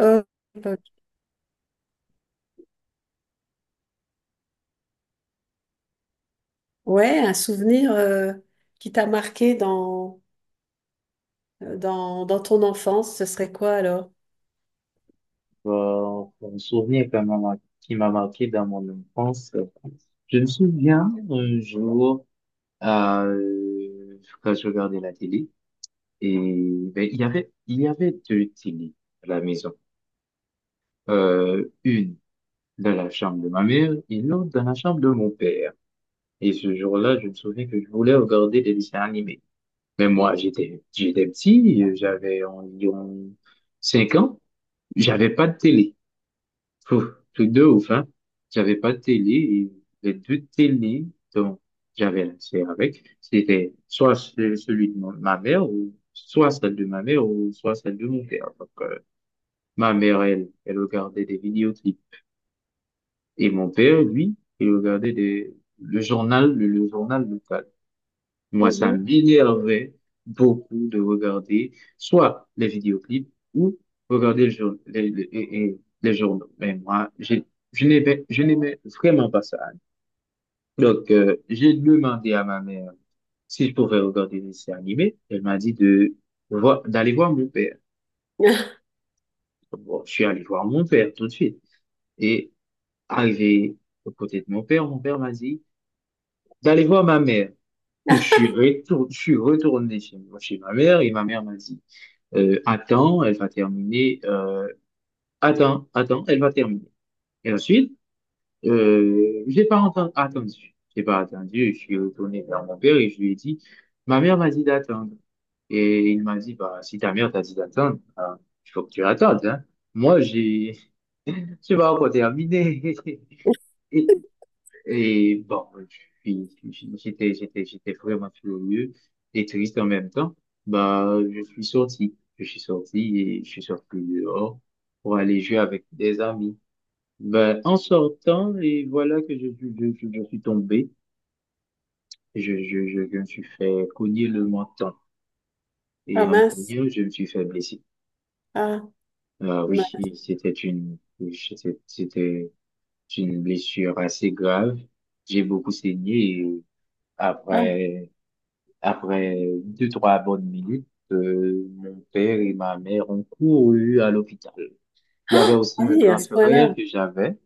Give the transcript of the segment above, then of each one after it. Euh, euh, ouais, un souvenir qui t'a marqué dans ton enfance, ce serait quoi alors? Un souvenir qui m'a marqué dans mon enfance. Je me souviens un jour, quand je regardais la télé. Et ben, il y avait deux télés à la maison. Une dans la chambre de ma mère et l'autre dans la chambre de mon père. Et ce jour-là, je me souviens que je voulais regarder des dessins animés. Mais moi, j'étais petit, j'avais environ 5 ans, j'avais pas de télé. Pouf, truc de ouf, hein. J'avais pas de télé et les deux télés dont j'avais accès avec, c'était soit ce- celui de mon- ma mère ou soit celle de ma mère ou soit celle de mon père. Donc, ma mère, elle regardait des vidéoclips et mon père, lui, il regardait des, le journal local. Moi, ça Mhm. m'énervait beaucoup de regarder soit les vidéoclips ou regarder le jour- les- et les journaux. Mais moi, je n'aimais vraiment pas ça. Donc, j'ai demandé à ma mère si je pouvais regarder des dessins animés. Elle m'a dit d'aller voir mon père. Bon, je suis allé voir mon père tout de suite. Et arrivé aux côtés de mon père m'a dit d'aller voir ma mère. Je suis retourné chez ma mère et ma mère m'a dit, attends, elle va terminer, attends, elle va terminer. Et ensuite, j'ai pas attendu, je suis retourné vers mon père et je lui ai dit, ma mère m'a dit d'attendre. Et il m'a dit, bah, si ta mère t'a dit d'attendre, bah, il faut que tu attendes, hein. Moi, j'ai, je vais encore terminer. Et bon, je suis- j'étais, j'étais, j'étais vraiment furieux et triste en même temps. Bah, je suis sorti. Je suis sorti et je suis sorti dehors pour aller jouer avec des amis. Ben, en sortant, et voilà que je suis tombé. Je me suis fait cogner le menton. Ah Et en me mince. cognant, je me suis fait blesser. Ah, Ah oui, mince. Oui, c'était une blessure assez grave. J'ai beaucoup saigné et Ah. après, Après deux, trois bonnes minutes, mon père et ma mère ont couru à l'hôpital. Il y avait Ah aussi un oui, grand à ce frère point-là. que j'avais.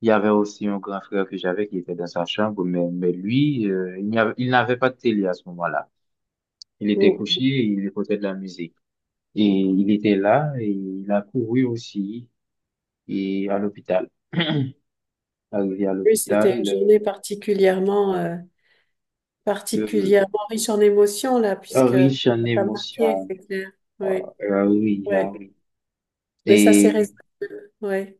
Il y avait aussi un grand frère que j'avais qui était dans sa chambre, mais lui, il n'avait pas de télé à ce moment-là. Il était Mm. couché, il écoutait de la musique. Et il était là et il a couru aussi et à l'hôpital. Arrivé à Oui, c'était une l'hôpital, journée particulièrement, euh, particulièrement riche en émotions, là, puisque ça riche en t'a marqué, émotions. c'est clair. Ah, Oui, ah oui, ah oui. oui. Mais ça s'est Et résolu. Oui.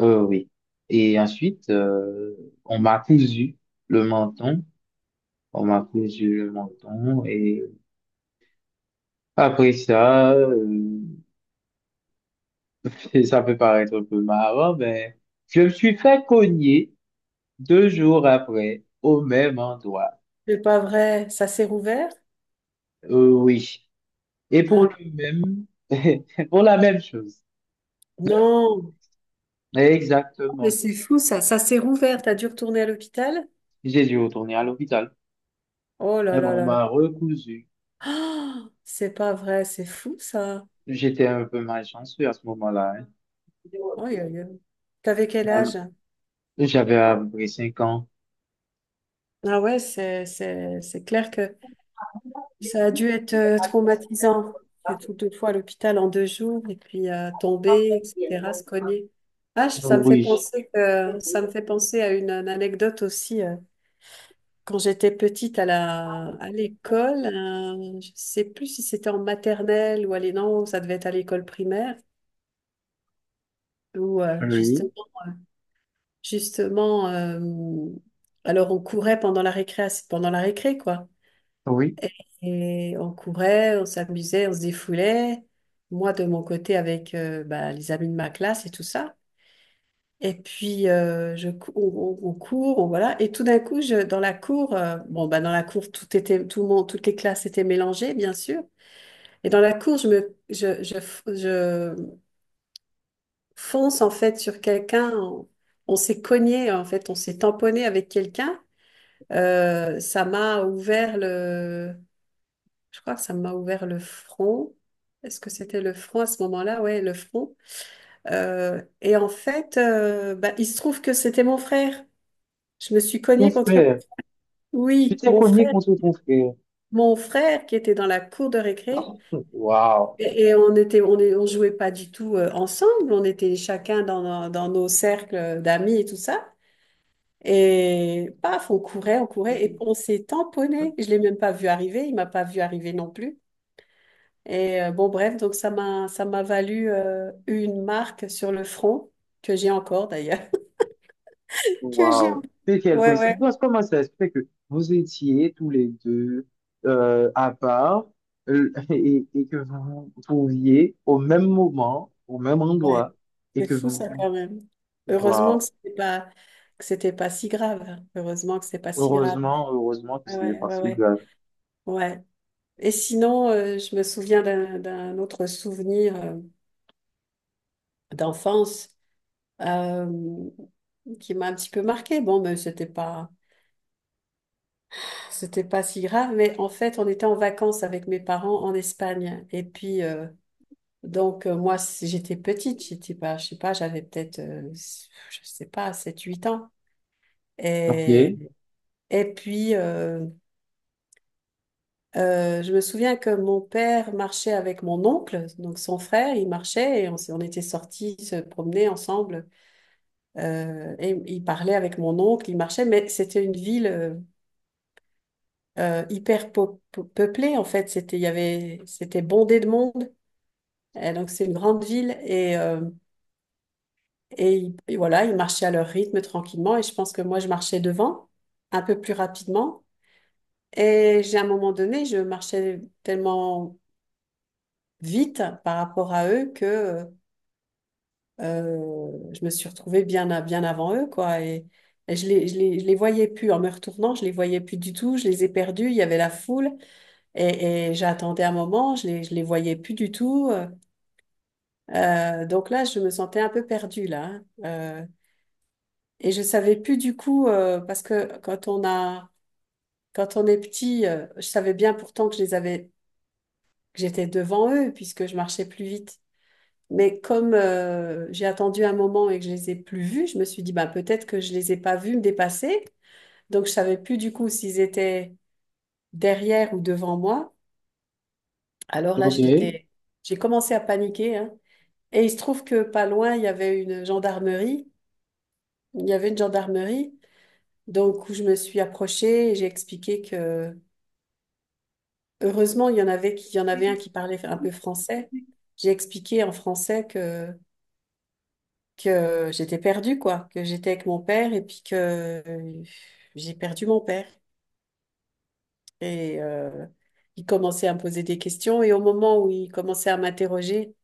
Oui. Et ensuite, on m'a cousu le menton. On m'a cousu le menton. Et après ça, ça peut paraître un peu marrant, mais je me suis fait cogner 2 jours après au même endroit. C'est pas vrai. Ça s'est rouvert? Oui. Et pour Ah le même, pour la même chose. non. Oh, mais Exactement. c'est fou ça, ça s'est rouvert, t'as dû retourner à l'hôpital? J'ai dû retourner à l'hôpital. Oh Et là là on là là. m'a recousu. Ah, c'est pas vrai, c'est fou ça. J'étais un peu malchanceux à ce moment-là. Oh, t'avais quel Hein. âge? J'avais à peu près 5 ans. Ah ouais, c'est clair que ça a dû être traumatisant. J'étais deux fois à l'hôpital en deux jours et puis tomber, etc., se cogner. Ah, ça me fait Oui, penser que ça me fait penser à une anecdote aussi. Quand j'étais petite à à l'école, je sais plus si c'était en maternelle ou à non, ça devait être à l'école primaire, où oui, justement, justement alors on courait pendant la récréation, pendant la récré, quoi. oui. Et on courait, on s'amusait, on se défoulait. Moi, de mon côté, avec les amis de ma classe et tout ça. Et puis, je, cou- on court, voilà. Et tout d'un coup, dans la cour, dans la cour, tout le monde, toutes les classes étaient mélangées, bien sûr. Et dans la cour, je me, je fonce en fait sur quelqu'un. On s'est cogné en fait, on s'est tamponné avec quelqu'un. Ça m'a ouvert je crois que ça m'a ouvert le front. Est-ce que c'était le front à ce moment-là? Ouais, le front. Et en fait, il se trouve que c'était mon frère. Je me suis Ton cognée contre, frère, tu oui, t'es cogné contre ton frère. mon frère qui était dans la cour de récré. Waouh, Et on était, on jouait pas du tout ensemble, on était chacun nos dans nos cercles d'amis et tout ça. Et paf, on courait et on s'est tamponné. Je l'ai même pas vu arriver, il m'a pas vu arriver non plus. Et bref, donc ça m'a valu une marque sur le front que j'ai encore d'ailleurs. Que j'ai. waouh. C'est quelle Ouais, ouais, coïncidence. Comment ça se fait que vous étiez tous les deux à part et que vous vous trouviez au même moment, au même ouais. endroit et C'est que fou ça vous... quand même. Heureusement Waouh. Que c'était pas si grave. Heureusement que c'est pas si grave. Heureusement, heureusement que Ouais, c'est des ouais, ouais, parties ouais. graves. Ouais. Et sinon, je me souviens d'un autre souvenir d'enfance euh, qui m'a un petit peu marqué. Bon, c'était pas si grave. Mais en fait, on était en vacances avec mes parents en Espagne. Et puis, moi, j'étais petite. J'étais pas, je sais pas, j'avais peut-être, je sais pas, sept, huit ans. Ok, Et, et puis, je me souviens que mon père marchait avec mon oncle, donc son frère, il marchait et on était sortis se promener ensemble. Et il parlait avec mon oncle, il marchait, mais c'était une ville hyper peuplée en fait. Il y avait, c'était bondé de monde. Et donc c'est une grande ville et, et voilà, ils marchaient à leur rythme tranquillement et je pense que moi je marchais devant, un peu plus rapidement. Et j'ai à un moment donné, je marchais tellement vite par rapport à eux que je me suis retrouvée bien avant eux, quoi. Et je les voyais plus. En me retournant, je les voyais plus du tout. Je les ai perdus. Il y avait la foule. Et j'attendais un moment. Je les voyais plus du tout. Donc là, je me sentais un peu perdue, là, hein. Et je savais plus du coup, parce que quand on a, quand on est petit, je savais bien pourtant que que j'étais devant eux, puisque je marchais plus vite. Mais comme j'ai attendu un moment et que je les ai plus vus, je me suis dit, bah, peut-être que je les ai pas vus me dépasser. Donc, je savais plus du coup s'ils étaient derrière ou devant moi. Alors là, ok. J'ai commencé à paniquer, hein. Et il se trouve que pas loin, il y avait une gendarmerie. Il y avait une gendarmerie. Donc, où je me suis approchée et j'ai expliqué que, heureusement, il y en avait un qui parlait un peu français. J'ai expliqué en français que j'étais perdue, quoi, que j'étais avec mon père et puis que euh, j'ai perdu mon père. Et il commençait à me poser des questions et au moment où il commençait à m'interroger,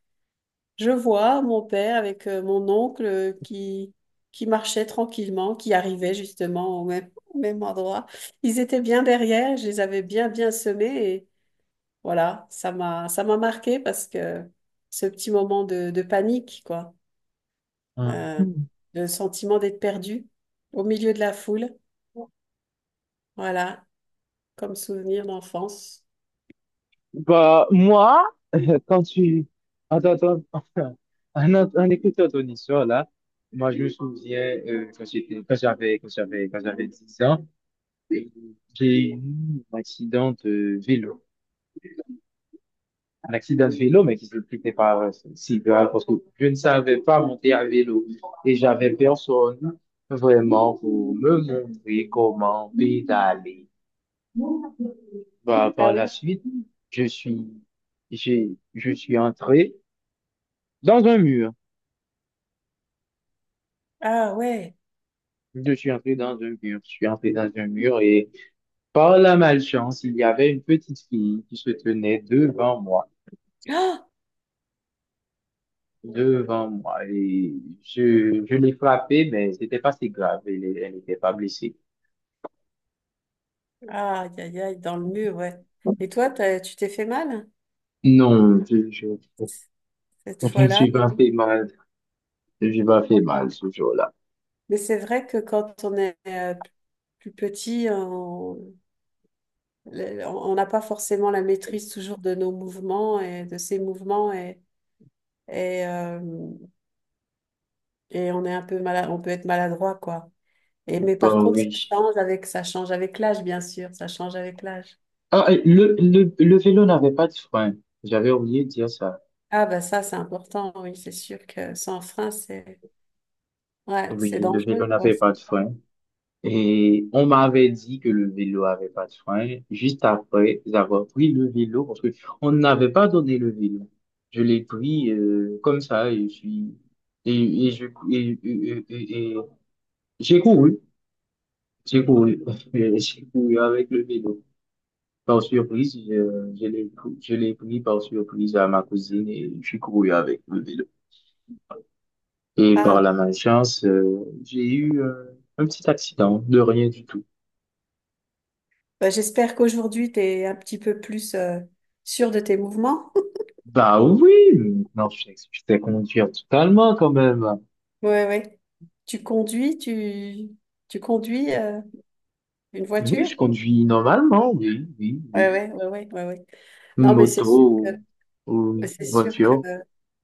je vois mon père avec mon oncle qui marchait tranquillement, qui arrivait justement au même, au même endroit. Ils étaient bien derrière, je les avais bien, bien semés et voilà, ça m'a marqué parce que ce petit moment de panique, quoi. euh, Hum. le sentiment d'être perdu au milieu de la foule. Voilà, comme souvenir d'enfance. Bah, moi, quand tu... Attends, attends. Un écouteur ton histoire, là, moi, je me souviens quand j'avais 10 ans, euh, j'ai eu un accident de vélo. Un accident de vélo, mais qui se s'expliquait pas si grave parce que je ne savais pas monter à vélo et j'avais personne vraiment pour me montrer comment pédaler. Bah, Ah par la oui. suite, je suis, je suis entré dans un mur. Ah ouais. Je suis entré dans un mur. Je suis entré dans un mur et par la malchance, il y avait une petite fille qui se tenait devant moi. Ah, Devant moi, et je l'ai frappée, mais c'était pas si grave, elle n'était pas blessée. aïe, aïe, aïe, dans le mur, ouais. Et toi, tu t'es fait mal Non, je, je, cette je ne fois-là. suis pas fait mal. Je ne suis pas fait mal ce jour-là. Mais c'est vrai que quand on est plus petit, on n'a pas forcément la maîtrise toujours de nos mouvements et de ses mouvements et, euh, et on est un peu malade, on peut être maladroit, quoi. Et, mais par Bon, contre, oui. Ça change avec l'âge, bien sûr, ça change avec l'âge. Ah, et le vélo n'avait pas de frein. J'avais oublié de dire ça. Ah bah ça, c'est important, oui, c'est sûr que sans frein, c'est ouais, c'est Oui, le dangereux, vélo quoi. n'avait pas de frein. Et on m'avait dit que le vélo avait pas de frein juste après avoir pris le vélo parce que on n'avait pas donné le vélo. Je l'ai pris comme ça et je suis et je et, j'ai couru, j'ai couru, j'ai couru avec le vélo. Par surprise, je l'ai pris par surprise à ma cousine et j'ai couru avec le vélo. Et par Ah, la malchance, j'ai eu un petit accident, de rien du tout. bah, j'espère qu'aujourd'hui, tu es un petit peu plus sûr de tes mouvements. Bah oui, mais non, je sais conduire totalement quand même. Ouais, ouais. Tu conduis, tu, tu conduis une Oui, voiture? je conduis normalement, oui, oui, Ouais, oui. ouais, ouais, ouais, ouais, ouais. Non, mais c'est Moto sûr que, ou, mais ou c'est sûr que, voiture.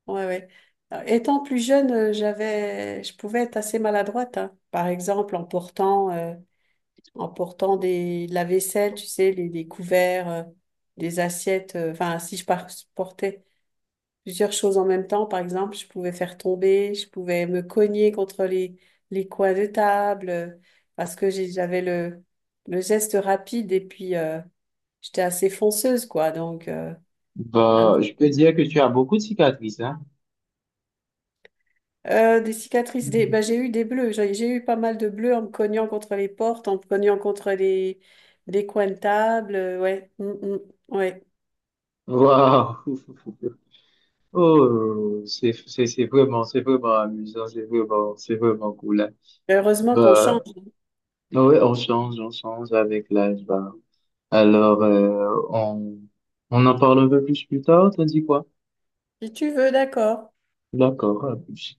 ouais, ouais. Étant plus jeune, je pouvais être assez maladroite, hein. Par exemple, en portant de la vaisselle, tu sais, les couverts, des assiettes, enfin, si portais plusieurs choses en même temps, par exemple, je pouvais faire tomber, je pouvais me cogner contre les coins de table, parce que j'avais le geste rapide et puis j'étais assez fonceuse, quoi. Donc, un Bah, petit je peux peu. dire que tu as beaucoup de cicatrices, hein? Des cicatrices, des... bah, j'ai eu des bleus, j'ai eu pas mal de bleus en me cognant contre les portes, en me cognant contre les coins de table, ouais, mm, mm, ouais. Waouh! Oh, c'est vraiment c'est vraiment amusant, c'est vraiment cool, hein. Heureusement qu'on Bah, change. ouais, on change avec l'âge, bah. Alors, on en parle un peu plus tard, t'as dit quoi? Si tu veux, d'accord. D'accord, à plus.